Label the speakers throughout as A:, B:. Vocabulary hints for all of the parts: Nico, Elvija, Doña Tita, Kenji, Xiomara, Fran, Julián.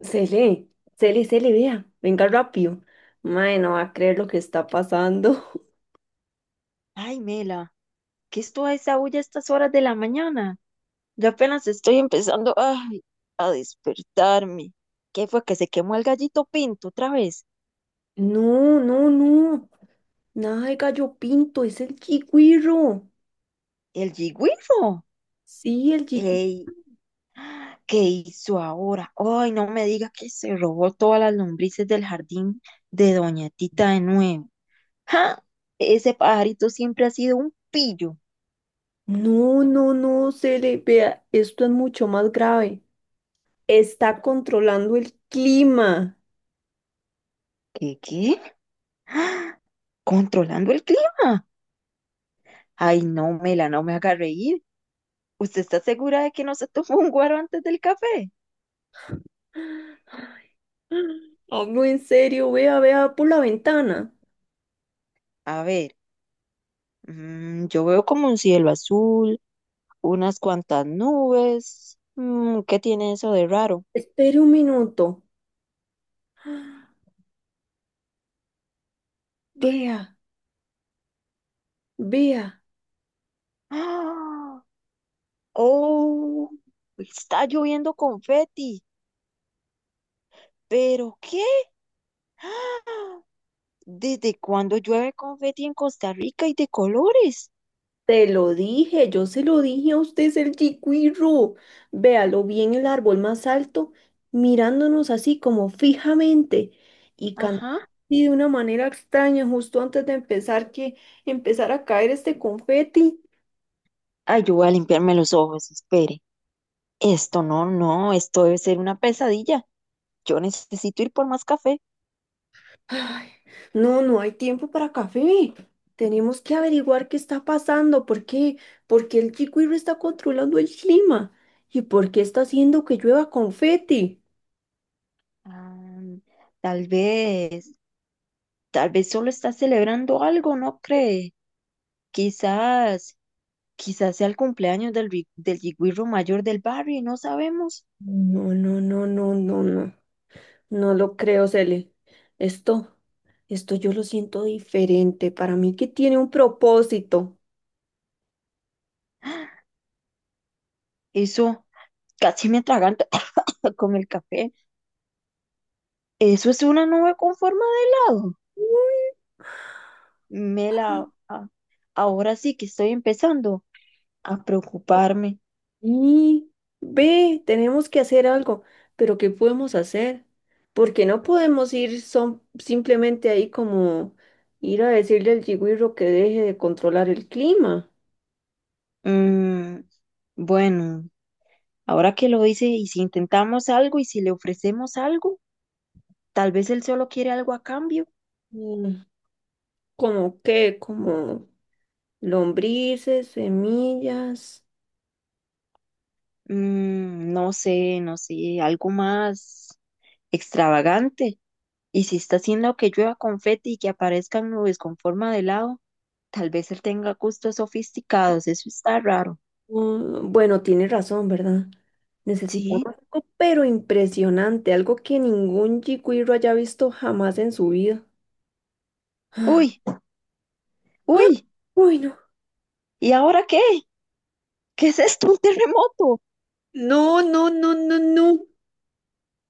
A: Se lee, se vea, venga rápido. Mae, no va a creer lo que está pasando.
B: Ay, Mela, ¿qué es toda esa bulla a estas horas de la mañana? Yo apenas estoy empezando, ay, a despertarme. ¿Qué fue que se quemó el gallito pinto otra vez?
A: No, no, no. Nada de gallo pinto, es el chigüiro.
B: ¿El yigüifo?
A: Sí, el chico.
B: Ey, ¿qué hizo ahora? Ay, no me diga que se robó todas las lombrices del jardín de Doña Tita de nuevo. ¡Ja! Ese pajarito siempre ha sido un pillo.
A: No, no, no, se vea, esto es mucho más grave. Está controlando el clima.
B: ¿Qué, qué? ¿Controlando el clima? Ay, no, Mela, no me haga reír. ¿Usted está segura de que no se tomó un guaro antes del café?
A: Hablo en serio, vea, vea por la ventana.
B: A ver, yo veo como un cielo azul, unas cuantas nubes. ¿Qué tiene eso de raro?
A: Espere un minuto. Vea, vea.
B: ¡Ah! ¡Oh! Está lloviendo confeti. ¿Pero qué? ¡Ah! ¿Desde cuándo llueve confeti en Costa Rica y de colores?
A: Te lo dije, yo se lo dije a usted, es el chiquirro. Véalo bien el árbol más alto, mirándonos así como fijamente y cantando
B: Ajá.
A: de una manera extraña justo antes de empezar a caer este confeti.
B: Ay, yo voy a limpiarme los ojos, espere. Esto no, no, esto debe ser una pesadilla. Yo necesito ir por más café.
A: Ay, no, no hay tiempo para café. Tenemos que averiguar qué está pasando, por qué el chiquirro está controlando el clima y por qué está haciendo que llueva confeti.
B: Ah, tal vez, tal vez solo está celebrando algo, ¿no cree? Quizás, quizás sea el cumpleaños del yigüirro mayor del barrio y no sabemos.
A: No, no, no, no, no, no. No lo creo, Cele. Esto, esto yo lo siento diferente. Para mí que tiene un propósito.
B: Eso casi me atraganta con el café. Eso es una nube con forma de helado. Me a- ahora sí que estoy empezando a preocuparme.
A: Y ve, tenemos que hacer algo. Pero ¿qué podemos hacer? Porque no podemos simplemente ahí como ir a decirle al yigüirro que deje de controlar el clima.
B: Mm, bueno, ahora que lo hice, ¿y si intentamos algo y si le ofrecemos algo? Tal vez él solo quiere algo a cambio.
A: Mm, ¿como qué? Como lombrices, semillas.
B: No sé, no sé, algo más extravagante. Y si está haciendo que llueva confeti y que aparezcan nubes con forma de helado, tal vez él tenga gustos sofisticados, eso está raro.
A: Mm, bueno, tiene razón, ¿verdad? Necesitamos
B: Sí.
A: algo, pero impresionante, algo que ningún chicuiro haya visto jamás en su vida.
B: Uy, uy,
A: Uy, no.
B: ¿y ahora qué? ¿Qué es esto? ¿Un terremoto?
A: No, no, no, no, no.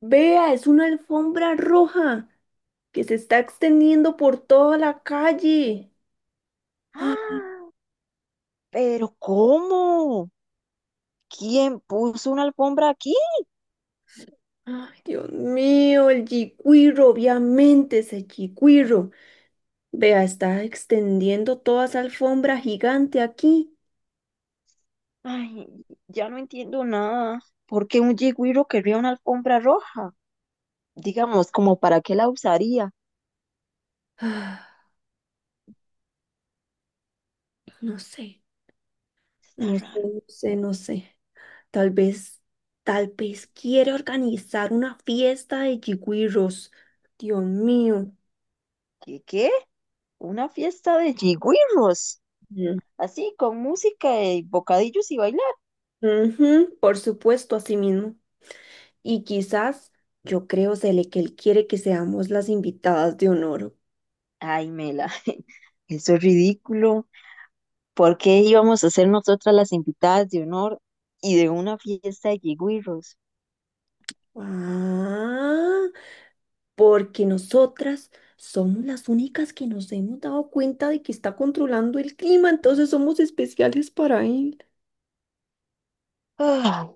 A: Vea, es una alfombra roja que se está extendiendo por toda la calle.
B: ¡Ah! ¿Pero cómo? ¿Quién puso una alfombra aquí?
A: Ah, ay, Dios mío, el chicuiro, obviamente ese chicuiro. Vea, está extendiendo toda esa alfombra gigante aquí.
B: Ay, ya no entiendo nada. ¿Por qué un yigüiro querría una alfombra roja? Digamos, ¿como para qué la usaría?
A: Ah, no sé,
B: Está raro.
A: no sé. Tal vez, tal vez quiere organizar una fiesta de yigüirros. Dios mío.
B: ¿Qué qué? Una fiesta de jigüirros.
A: Mm.
B: Así, con música y bocadillos y bailar.
A: Ujú, por supuesto, así mismo. Y quizás, yo creo, Cele, que él quiere que seamos las invitadas de honor.
B: Ay, Mela, eso es ridículo. ¿Por qué íbamos a ser nosotras las invitadas de honor y de una fiesta de jigüirros?
A: Ah, porque nosotras somos las únicas que nos hemos dado cuenta de que está controlando el clima, entonces somos especiales para él.
B: Ah,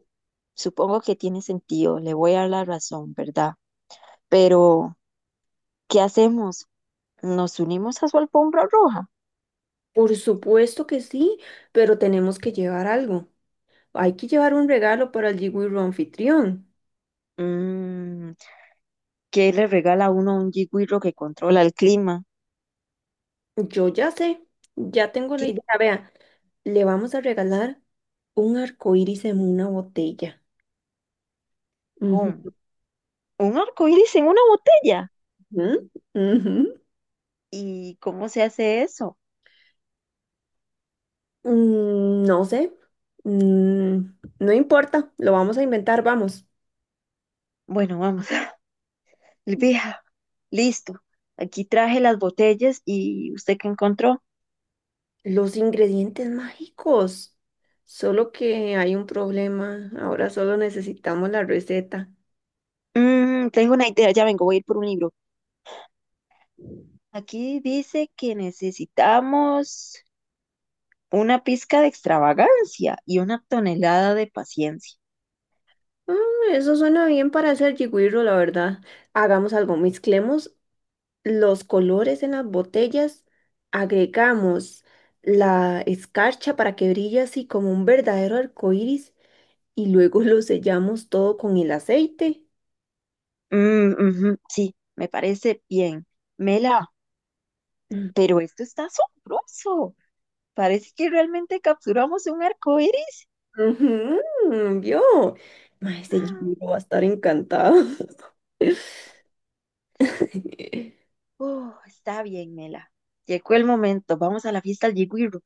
B: supongo que tiene sentido, le voy a dar la razón, ¿verdad? Pero, ¿qué hacemos? ¿Nos unimos a su alfombra roja?
A: Por supuesto que sí, pero tenemos que llevar algo. Hay que llevar un regalo para el jiwiro anfitrión.
B: Mm, ¿Qué le regala uno a un jigüirro que controla el clima?
A: Yo ya sé, ya tengo la
B: ¿Qué?
A: idea. Vea, le vamos a regalar un arco iris en una botella.
B: ¿Cómo?
A: Ujú,
B: Un arco iris en una botella.
A: ujú, ujú.
B: ¿Y cómo se hace eso?
A: Mm, no sé, mm, no importa, lo vamos a inventar, vamos.
B: Bueno, vamos, Elvija, listo. Aquí traje las botellas y ¿usted qué encontró?
A: Los ingredientes mágicos. Solo que hay un problema. Ahora solo necesitamos la receta.
B: Tengo una idea, ya vengo, voy a ir por un libro. Aquí dice que necesitamos una pizca de extravagancia y una tonelada de paciencia.
A: Mm, eso suena bien para hacer jigwiro, la verdad. Hagamos algo, mezclemos los colores en las botellas, agregamos la escarcha para que brille así como un verdadero arco iris y luego lo sellamos todo con el aceite.
B: Mm, ujú, sí, me parece bien. Mela,
A: Mm.
B: pero esto está asombroso. Parece que realmente capturamos un arco iris.
A: Ujú, ¿vio? Ma, ese Jimmy va a estar encantado.
B: Está bien, Mela. Llegó el momento. Vamos a la fiesta al Yigüirro.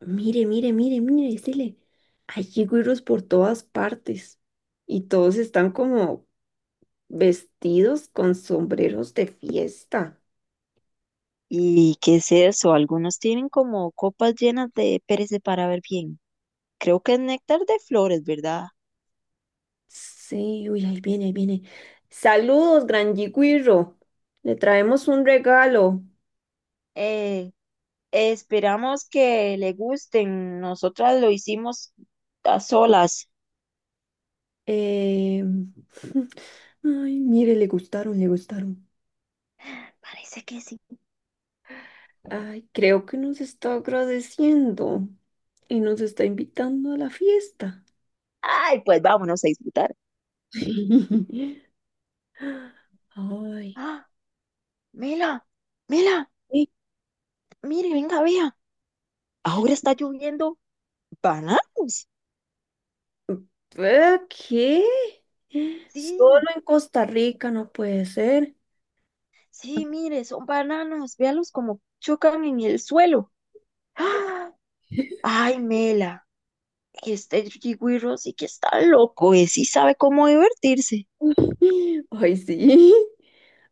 A: Mire, mire, mire, mire, decirle, hay jigüiros por todas partes y todos están como vestidos con sombreros de fiesta.
B: ¿Y qué es eso? Algunos tienen como copas llenas de pérez para ver bien. Creo que es néctar de flores, ¿verdad?
A: Sí, uy, ahí viene, ahí viene. Saludos, Gran Yigüirro. Le traemos un regalo.
B: Eh, esperamos que le gusten. Nosotras lo hicimos a solas.
A: Eh, ay, mire, le gustaron, le gustaron.
B: Parece que sí.
A: Ay, creo que nos está agradeciendo y nos está invitando a la fiesta.
B: Ay, pues vámonos a disfrutar.
A: Ay,
B: Ah, Mela, Mela,
A: ¿y
B: mire, venga, vea.
A: ¿qué?
B: Ahora está lloviendo bananos.
A: ¿Qué? ¿Qué? Solo
B: Sí,
A: en Costa Rica no puede ser.
B: sí, mire, son bananos, véalos como chocan en el suelo. ¡Ah! Ay, Mela, este Yigüirro sí que está loco, y sí sabe cómo divertirse.
A: Ay, sí.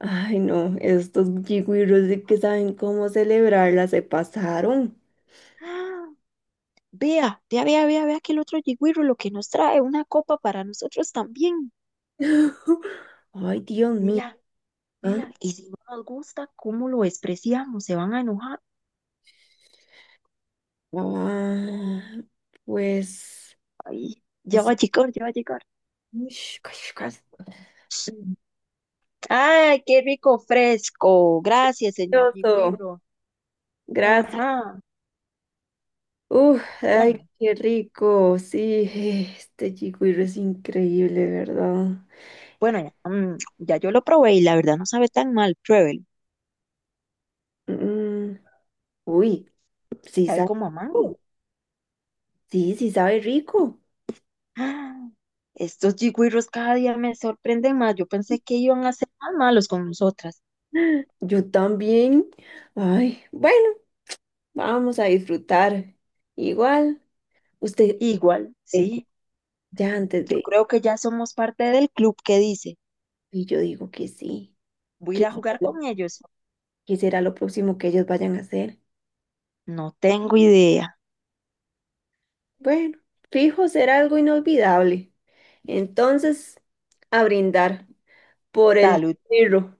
A: Ay, no, estos yigüiros de que saben cómo celebrarla se pasaron.
B: ¡Ah! Vea, vea, vea, vea, vea que el otro Yigüirro lo que nos trae, una copa para nosotros también.
A: Ay, Dios mío.
B: Mela,
A: ¿Ah?
B: Mela, y si no nos gusta, ¿cómo lo despreciamos? Se van a enojar.
A: Ah, pues,
B: Ay,
A: no
B: ya
A: sé.
B: va a llegar, ya va a llegar.
A: Ush, cush, cush.
B: Ay, qué rico fresco. Gracias, señor
A: Delicioso.
B: Yigüirro.
A: Gracias.
B: Ajá.
A: Uf, ay,
B: Bueno.
A: qué rico. Sí, este chigüiro es increíble, ¿verdad?
B: Bueno, ya, ya yo lo probé y la verdad no sabe tan mal, pruébelo.
A: Mm, mm, uy, sí
B: Sabe
A: sabe
B: como a mango.
A: rico. Sí, sí sabe rico.
B: ¡Ah! Estos jigüiros cada día me sorprenden más. Yo pensé que iban a ser más malos con nosotras.
A: Yo también. Ay, bueno, vamos a disfrutar. Igual, usted,
B: Igual,
A: eh,
B: sí.
A: ya antes
B: Yo
A: de...
B: creo que ya somos parte del club que dice,
A: Y yo digo que sí.
B: voy a ir
A: ¿Qué
B: a
A: será
B: jugar
A: lo,
B: con ellos.
A: qué será lo próximo que ellos vayan a hacer?
B: No tengo idea.
A: Bueno, fijo, será algo inolvidable. Entonces, a brindar por el
B: Salud.
A: dinero.